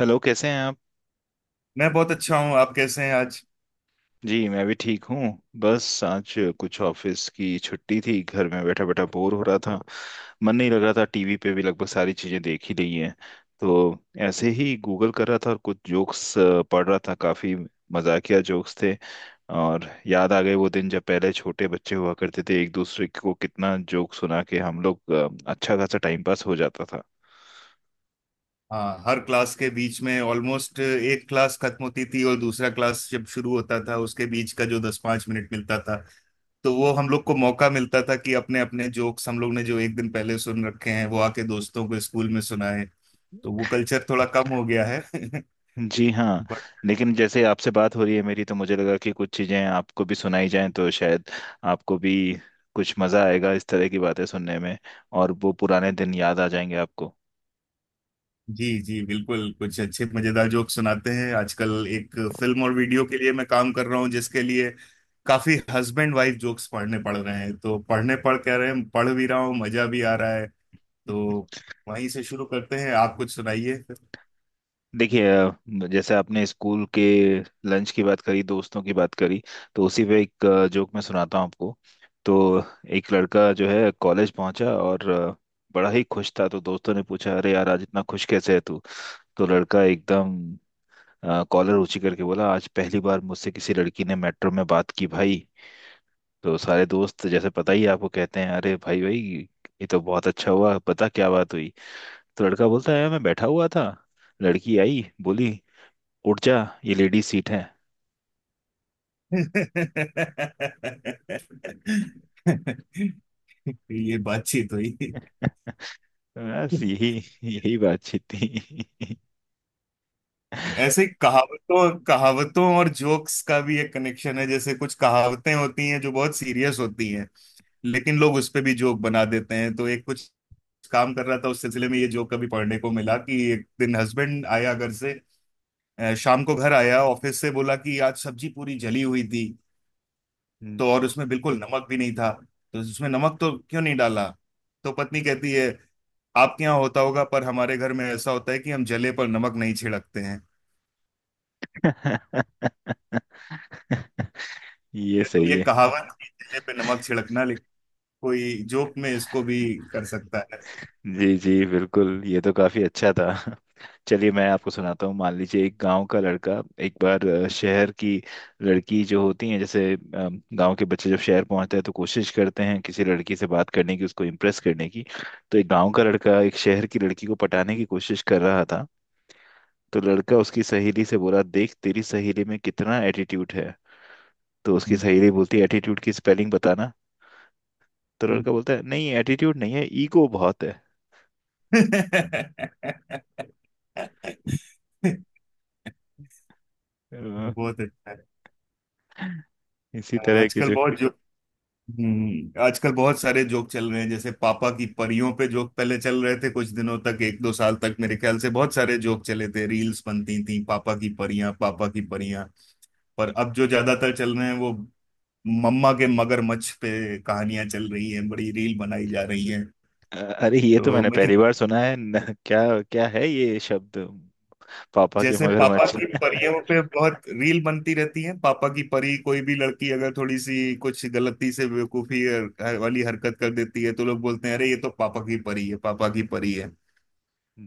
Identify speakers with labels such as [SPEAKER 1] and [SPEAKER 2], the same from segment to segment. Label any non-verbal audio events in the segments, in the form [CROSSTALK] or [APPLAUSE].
[SPEAKER 1] Hello कैसे हैं आप।
[SPEAKER 2] मैं बहुत अच्छा हूँ। आप कैसे हैं आज?
[SPEAKER 1] जी मैं भी ठीक हूँ। बस आज कुछ ऑफिस की छुट्टी थी, घर में बैठा बैठा बोर हो रहा था। मन नहीं लग रहा था, टीवी पे भी लगभग सारी चीजें देख ही ली हैं। तो ऐसे ही गूगल कर रहा था और कुछ जोक्स पढ़ रहा था। काफी मजाकिया जोक्स थे और याद आ गए वो दिन जब पहले छोटे बच्चे हुआ करते थे, एक दूसरे को कितना जोक सुना के हम लोग अच्छा खासा टाइम पास हो जाता था।
[SPEAKER 2] हाँ, हर क्लास के बीच में ऑलमोस्ट एक क्लास खत्म होती थी और दूसरा क्लास जब शुरू होता था उसके बीच का जो दस पांच मिनट मिलता था, तो वो हम लोग को मौका मिलता था कि अपने अपने जोक्स हम लोग ने जो एक दिन पहले सुन रखे हैं वो आके दोस्तों को स्कूल में सुनाए। तो वो कल्चर थोड़ा कम हो गया है। [LAUGHS]
[SPEAKER 1] जी हाँ।
[SPEAKER 2] बट।
[SPEAKER 1] लेकिन जैसे आपसे बात हो रही है मेरी, तो मुझे लगा कि कुछ चीज़ें आपको भी सुनाई जाएं तो शायद आपको भी कुछ मज़ा आएगा इस तरह की बातें सुनने में, और वो पुराने दिन याद आ जाएंगे आपको।
[SPEAKER 2] जी जी बिल्कुल, कुछ अच्छे मजेदार जोक सुनाते हैं। आजकल एक फिल्म और वीडियो के लिए मैं काम कर रहा हूँ जिसके लिए काफी हस्बैंड वाइफ जोक्स पढ़ने पड़ रहे हैं। तो पढ़ने पढ़ कह रहे हैं, पढ़ भी रहा हूँ, मजा भी आ रहा है। तो
[SPEAKER 1] [LAUGHS]
[SPEAKER 2] वहीं से शुरू करते हैं, आप कुछ सुनाइए।
[SPEAKER 1] देखिए, जैसे आपने स्कूल के लंच की बात करी, दोस्तों की बात करी, तो उसी पे एक जोक मैं सुनाता हूँ आपको। तो एक लड़का जो है कॉलेज पहुंचा और बड़ा ही खुश था। तो दोस्तों ने पूछा, अरे यार आज इतना खुश कैसे है तू। तो लड़का एकदम कॉलर ऊंची करके बोला, आज पहली बार मुझसे किसी लड़की ने मेट्रो में बात की भाई। तो सारे दोस्त, जैसे पता ही है आपको, कहते हैं अरे भाई भाई ये तो बहुत अच्छा हुआ, पता क्या बात हुई। तो लड़का बोलता है, मैं बैठा हुआ था, लड़की आई, बोली उठ जा ये लेडी सीट है।
[SPEAKER 2] [LAUGHS] ये बातचीत हुई।
[SPEAKER 1] [LAUGHS] बस यही, यही बातचीत थी। [LAUGHS]
[SPEAKER 2] ऐसे ही कहावतों कहावतों और जोक्स का भी एक कनेक्शन है, जैसे कुछ कहावतें होती हैं जो बहुत सीरियस होती हैं लेकिन लोग उस पे भी जोक बना देते हैं। तो एक कुछ काम कर रहा था उस सिलसिले में, ये जोक कभी पढ़ने को मिला कि एक दिन हस्बैंड आया घर से, शाम को घर आया ऑफिस से, बोला कि आज सब्जी पूरी जली हुई थी।
[SPEAKER 1] हम्म।
[SPEAKER 2] तो और उसमें बिल्कुल नमक भी नहीं था। तो उसमें नमक तो क्यों नहीं डाला? तो पत्नी कहती है आपके यहाँ होता होगा, पर हमारे घर में ऐसा होता है कि हम जले पर नमक नहीं छिड़कते हैं।
[SPEAKER 1] ये
[SPEAKER 2] तो
[SPEAKER 1] सही
[SPEAKER 2] ये
[SPEAKER 1] है।
[SPEAKER 2] कहावत कि जले पे नमक छिड़कना, लेकिन कोई जोक में इसको भी कर सकता
[SPEAKER 1] जी जी बिल्कुल, ये तो काफी अच्छा था। [LAUGHS] चलिए मैं आपको सुनाता हूँ। मान लीजिए एक गांव का लड़का एक बार शहर की लड़की जो होती है, जैसे गांव के बच्चे जब शहर पहुंचते हैं तो कोशिश करते हैं किसी लड़की से बात करने की, उसको इम्प्रेस करने की। तो एक गांव का लड़का एक शहर की लड़की को पटाने की कोशिश कर रहा था। तो लड़का उसकी सहेली से बोला, देख तेरी सहेली में कितना एटीट्यूड है। तो उसकी सहेली बोलती है, एटीट्यूड की स्पेलिंग बताना। तो लड़का
[SPEAKER 2] है।
[SPEAKER 1] बोलता है, नहीं एटीट्यूड नहीं है, ईगो बहुत है।
[SPEAKER 2] [LAUGHS] बहुत अच्छा है।
[SPEAKER 1] [LAUGHS] इसी तरह की
[SPEAKER 2] आजकल
[SPEAKER 1] जो
[SPEAKER 2] बहुत जो आजकल बहुत सारे जोक चल रहे हैं, जैसे पापा की परियों पे जोक पहले चल रहे थे कुछ दिनों तक, एक दो साल तक मेरे ख्याल से। बहुत सारे जोक चले थे, रील्स बनती थी पापा की परियां, पापा की परियां। पर अब जो ज्यादातर चल रहे हैं वो मम्मा के मगरमच्छ पे कहानियां चल रही हैं, बड़ी रील बनाई जा रही हैं।
[SPEAKER 1] अ- अरे ये तो
[SPEAKER 2] तो
[SPEAKER 1] मैंने
[SPEAKER 2] मुझे
[SPEAKER 1] पहली बार सुना है न, क्या क्या है ये शब्द। पापा के
[SPEAKER 2] जैसे पापा
[SPEAKER 1] मगरमच्छ।
[SPEAKER 2] की
[SPEAKER 1] [LAUGHS]
[SPEAKER 2] परियों पे बहुत रील बनती रहती है, पापा की परी। कोई भी लड़की अगर थोड़ी सी कुछ गलती से बेवकूफी वाली हरकत कर देती है तो लोग बोलते हैं अरे ये तो पापा की परी है, पापा की परी है।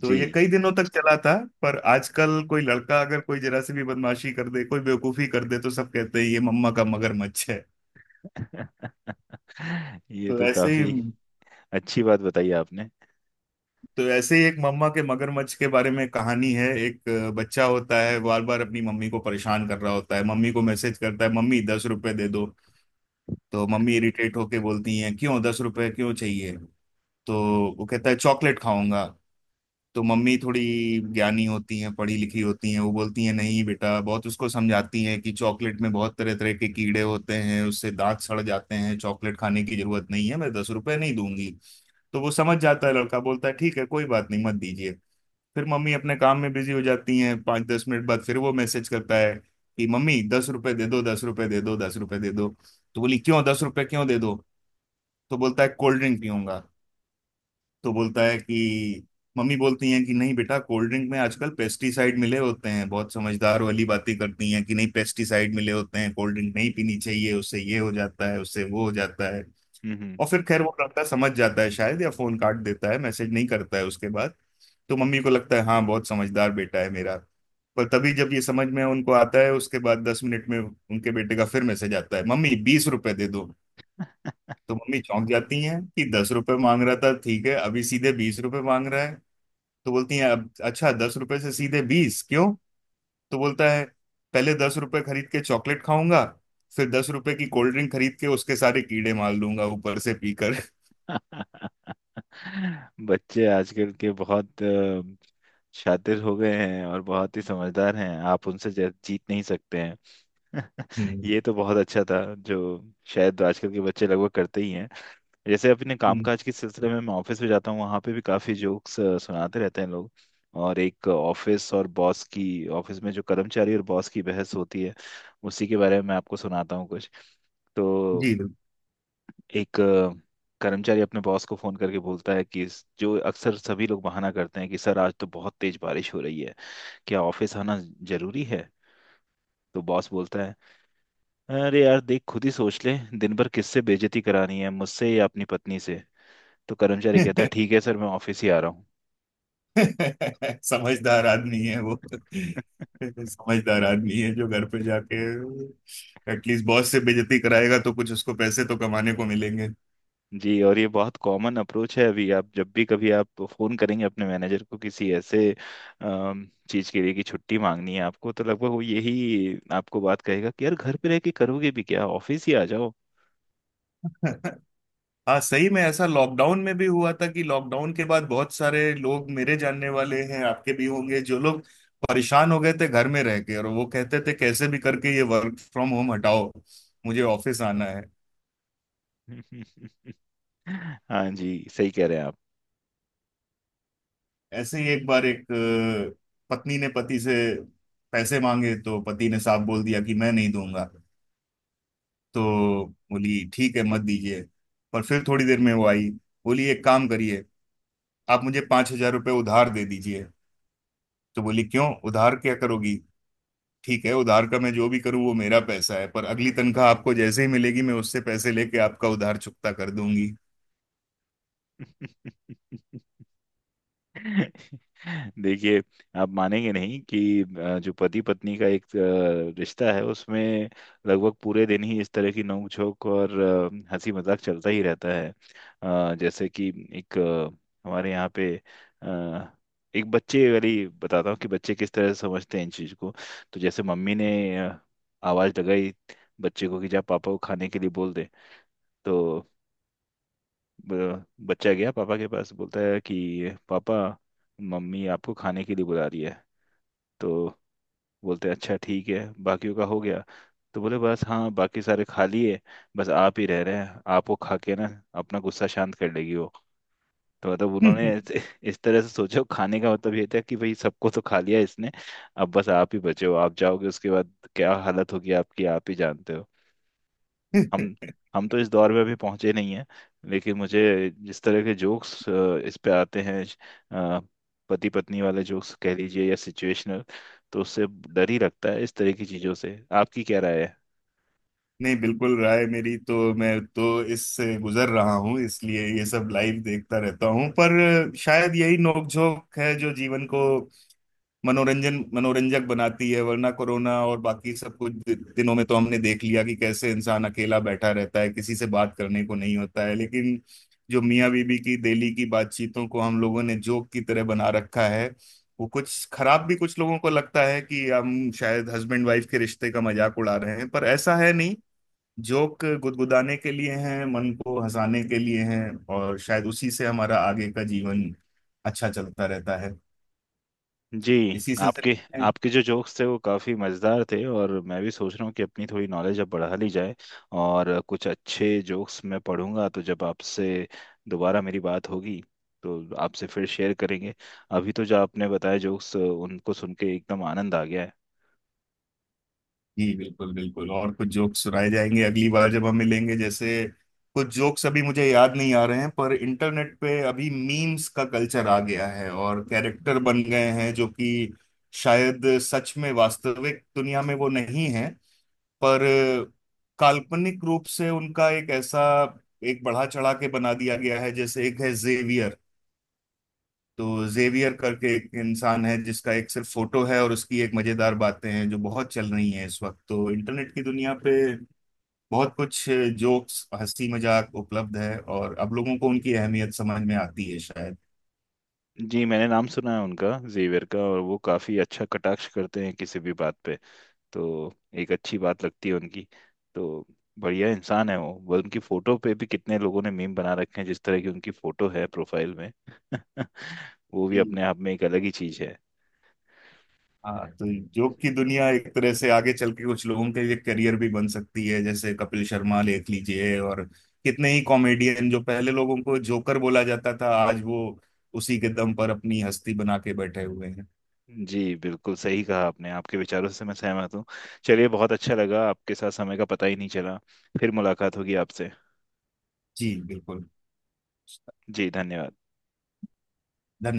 [SPEAKER 2] तो
[SPEAKER 1] जी।
[SPEAKER 2] ये कई दिनों तक चला था। पर आजकल कोई लड़का अगर कोई जरा सी भी बदमाशी कर दे, कोई बेवकूफी कर दे, तो सब कहते हैं ये मम्मा का मगरमच्छ है।
[SPEAKER 1] [LAUGHS] ये
[SPEAKER 2] तो
[SPEAKER 1] तो
[SPEAKER 2] ऐसे ही
[SPEAKER 1] काफी अच्छी बात बताई आपने।
[SPEAKER 2] तो ऐसे ही एक मम्मा के मगरमच्छ के बारे में कहानी है। एक बच्चा होता है, बार बार अपनी मम्मी को परेशान कर रहा होता है, मम्मी को मैसेज करता है मम्मी 10 रुपए दे दो। तो मम्मी इरिटेट होके बोलती हैं क्यों, 10 रुपए क्यों चाहिए? तो वो कहता है चॉकलेट खाऊंगा। तो मम्मी थोड़ी ज्ञानी होती हैं, पढ़ी लिखी होती हैं, वो बोलती हैं नहीं बेटा, बहुत उसको समझाती हैं कि चॉकलेट में बहुत तरह तरह के कीड़े होते हैं, उससे दांत सड़ जाते हैं, चॉकलेट खाने की जरूरत नहीं है, मैं 10 रुपए नहीं दूंगी। तो वो समझ जाता है, लड़का बोलता है ठीक है कोई बात नहीं, मत दीजिए। फिर मम्मी अपने काम में बिजी हो जाती हैं। पाँच दस मिनट बाद फिर वो मैसेज करता है कि मम्मी दस रुपए दे दो, दस रुपए दे दो, दस रुपए दे दो। तो बोली क्यों, दस रुपए क्यों दे दो? तो बोलता है कोल्ड ड्रिंक पीऊंगा। तो बोलता है कि मम्मी बोलती हैं कि नहीं बेटा, कोल्ड ड्रिंक में आजकल पेस्टिसाइड मिले होते हैं, बहुत समझदार वाली बातें करती हैं कि नहीं पेस्टिसाइड मिले होते हैं कोल्ड ड्रिंक नहीं पीनी चाहिए, उससे ये हो जाता है उससे वो हो जाता है।
[SPEAKER 1] हम्म।
[SPEAKER 2] और फिर खैर वो लड़का समझ जाता है शायद, या फोन काट देता है, मैसेज नहीं करता है उसके बाद। तो मम्मी को लगता है हाँ बहुत समझदार बेटा है मेरा। पर तभी जब ये समझ में उनको आता है, उसके बाद 10 मिनट में उनके बेटे का फिर मैसेज आता है, मम्मी 20 रुपए दे दो। तो मम्मी चौंक जाती हैं कि दस रुपए मांग रहा था ठीक है, अभी सीधे 20 रुपए मांग रहा है। तो बोलती हैं अब अच्छा, दस रुपए से सीधे बीस क्यों? तो बोलता है पहले दस रुपए खरीद के चॉकलेट खाऊंगा, फिर दस रुपए की कोल्ड ड्रिंक खरीद के उसके सारे कीड़े मार लूंगा ऊपर से पीकर।
[SPEAKER 1] [LAUGHS] बच्चे आजकल के बहुत शातिर हो गए हैं और बहुत ही समझदार हैं, आप उनसे जीत नहीं सकते हैं। [LAUGHS]
[SPEAKER 2] हम्म,
[SPEAKER 1] ये तो बहुत अच्छा था, जो शायद आजकल के बच्चे लगभग करते ही हैं। जैसे अपने
[SPEAKER 2] हम्म,
[SPEAKER 1] कामकाज के सिलसिले में मैं ऑफिस में जाता हूँ, वहाँ पे भी काफी जोक्स सुनाते रहते हैं लोग। और एक ऑफिस और बॉस की, ऑफिस में जो कर्मचारी और बॉस की बहस होती है, उसी के बारे में मैं आपको सुनाता हूँ कुछ। तो
[SPEAKER 2] जी
[SPEAKER 1] एक कर्मचारी अपने बॉस को फोन करके बोलता है कि जो अक्सर सभी लोग बहाना करते हैं कि सर आज तो बहुत तेज बारिश हो रही है, क्या ऑफिस आना जरूरी है। तो बॉस बोलता है, अरे यार देख खुद ही सोच ले, दिन भर किससे बेइज्जती करानी है, मुझसे या अपनी पत्नी से। तो कर्मचारी कहता है,
[SPEAKER 2] बिल्कुल।
[SPEAKER 1] ठीक है सर मैं ऑफिस ही आ रहा हूँ।
[SPEAKER 2] [LAUGHS] समझदार आदमी है वो।
[SPEAKER 1] [LAUGHS]
[SPEAKER 2] समझदार आदमी है जो घर पे जाके एटलीस्ट बॉस से बेइज्जती कराएगा तो कुछ उसको पैसे तो कमाने को मिलेंगे।
[SPEAKER 1] जी और ये बहुत कॉमन अप्रोच है। अभी आप जब भी कभी आप फोन करेंगे अपने मैनेजर को किसी ऐसे चीज के लिए कि छुट्टी मांगनी है आपको, तो लगभग वो यही आपको बात कहेगा कि यार घर पे रह के करोगे भी क्या, ऑफिस ही आ जाओ।
[SPEAKER 2] [LAUGHS] हाँ, सही में ऐसा लॉकडाउन में भी हुआ था कि लॉकडाउन के बाद बहुत सारे लोग मेरे जानने वाले हैं, आपके भी होंगे, जो लोग परेशान हो गए थे घर में रह के और वो कहते थे कैसे भी करके ये वर्क फ्रॉम होम हटाओ, मुझे ऑफिस आना है।
[SPEAKER 1] [LAUGHS] हाँ जी सही कह रहे हैं आप।
[SPEAKER 2] ऐसे ही एक बार एक अ, पत्नी ने पति से पैसे मांगे तो पति ने साफ बोल दिया कि मैं नहीं दूंगा। तो बोली ठीक है मत दीजिए। पर फिर थोड़ी देर में वो आई, बोली एक काम करिए, आप मुझे 5,000 रुपये उधार दे दीजिए। तो बोली क्यों उधार, क्या करोगी? ठीक है उधार का मैं जो भी करूँ वो मेरा पैसा है, पर अगली तनख्वाह आपको जैसे ही मिलेगी मैं उससे पैसे लेके आपका उधार चुकता कर दूंगी।
[SPEAKER 1] [LAUGHS] [LAUGHS] देखिए, आप मानेंगे नहीं कि जो पति पत्नी का एक रिश्ता है, उसमें लगभग पूरे दिन ही इस तरह की नोक झोंक और हंसी मजाक चलता ही रहता है। जैसे कि एक हमारे यहाँ पे अ, एक बच्चे वाली बताता हूँ कि बच्चे किस तरह से समझते हैं इन चीज को। तो जैसे मम्मी ने अ, आवाज लगाई बच्चे को कि जा पापा को खाने के लिए बोल दे। तो बच्चा गया पापा के पास, बोलता है कि पापा मम्मी आपको खाने के लिए बुला रही है। तो बोलते हैं अच्छा ठीक है, बाकियों का हो गया। तो बोले बस हाँ बाकी सारे खा लिए, बस आप ही रह रहे हैं, आपको खा के ना अपना गुस्सा शांत कर लेगी वो। तो मतलब उन्होंने इस तरह से सोचो, खाने का मतलब ये था कि भाई सबको तो खा लिया इसने, अब बस आप ही बचे हो, आप जाओगे उसके बाद क्या हालत होगी आपकी आप ही जानते हो। हम
[SPEAKER 2] [LAUGHS]
[SPEAKER 1] हम तो इस दौर में अभी पहुंचे नहीं हैं, लेकिन मुझे जिस तरह के जोक्स इस पे आते हैं, पति पत्नी वाले जोक्स कह लीजिए या सिचुएशनल, तो उससे डर ही लगता है इस तरह की चीजों से। आपकी क्या राय है।
[SPEAKER 2] नहीं, बिल्कुल राय मेरी, तो मैं तो इससे गुजर रहा हूँ इसलिए ये सब लाइव देखता रहता हूँ। पर शायद यही नोकझोंक है जो जीवन को मनोरंजन मनोरंजक बनाती है, वरना कोरोना और बाकी सब कुछ दिनों में तो हमने देख लिया कि कैसे इंसान अकेला बैठा रहता है, किसी से बात करने को नहीं होता है। लेकिन जो मियाँ बीबी की डेली की बातचीतों को हम लोगों ने जोक की तरह बना रखा है, वो कुछ खराब भी कुछ लोगों को लगता है कि हम शायद हस्बैंड वाइफ के रिश्ते का मजाक उड़ा रहे हैं, पर ऐसा है नहीं। जोक गुदगुदाने के लिए हैं, मन को हंसाने के लिए हैं, और शायद उसी से हमारा आगे का जीवन अच्छा चलता रहता है।
[SPEAKER 1] जी,
[SPEAKER 2] इसी
[SPEAKER 1] आपके
[SPEAKER 2] सिलसिले में।
[SPEAKER 1] आपके जो जोक्स थे वो काफ़ी मज़ेदार थे, और मैं भी सोच रहा हूँ कि अपनी थोड़ी नॉलेज अब बढ़ा ली जाए। और कुछ अच्छे जोक्स मैं पढ़ूंगा तो जब आपसे दोबारा मेरी बात होगी तो आपसे फिर शेयर करेंगे। अभी तो जो आपने बताया जोक्स उनको सुन के एकदम आनंद आ गया है।
[SPEAKER 2] जी बिल्कुल बिल्कुल, और कुछ जोक्स सुनाए जाएंगे अगली बार जब हम मिलेंगे, जैसे कुछ जोक्स अभी मुझे याद नहीं आ रहे हैं। पर इंटरनेट पे अभी मीम्स का कल्चर आ गया है और कैरेक्टर बन गए हैं जो कि शायद सच में वास्तविक दुनिया में वो नहीं है, पर काल्पनिक रूप से उनका एक ऐसा एक बढ़ा चढ़ा के बना दिया गया है। जैसे एक है जेवियर, तो जेवियर करके एक इंसान है जिसका एक सिर्फ फोटो है और उसकी एक मजेदार बातें हैं जो बहुत चल रही हैं इस वक्त। तो इंटरनेट की दुनिया पे बहुत कुछ जोक्स, हंसी मजाक उपलब्ध है और अब लोगों को उनकी अहमियत समझ में आती है शायद।
[SPEAKER 1] जी मैंने नाम सुना है उनका जेवियर का, और वो काफ़ी अच्छा कटाक्ष करते हैं किसी भी बात पे। तो एक अच्छी बात लगती है उनकी। तो बढ़िया इंसान है वो। वो उनकी फोटो पे भी कितने लोगों ने मीम बना रखे हैं, जिस तरह की उनकी फोटो है प्रोफाइल में। [LAUGHS] वो भी
[SPEAKER 2] जी।
[SPEAKER 1] अपने आप में एक अलग ही चीज है।
[SPEAKER 2] हाँ तो जोक की दुनिया एक तरह से आगे चल के कुछ लोगों के लिए करियर भी बन सकती है, जैसे कपिल शर्मा देख लीजिए और कितने ही कॉमेडियन जो पहले लोगों को जोकर बोला जाता था आज वो उसी के दम पर अपनी हस्ती बना के बैठे हुए हैं।
[SPEAKER 1] जी बिल्कुल सही कहा आपने, आपके विचारों से मैं सहमत हूँ। चलिए बहुत अच्छा लगा, आपके साथ समय का पता ही नहीं चला। फिर मुलाकात होगी आपसे।
[SPEAKER 2] जी बिल्कुल।
[SPEAKER 1] जी धन्यवाद।
[SPEAKER 2] धन्यवाद।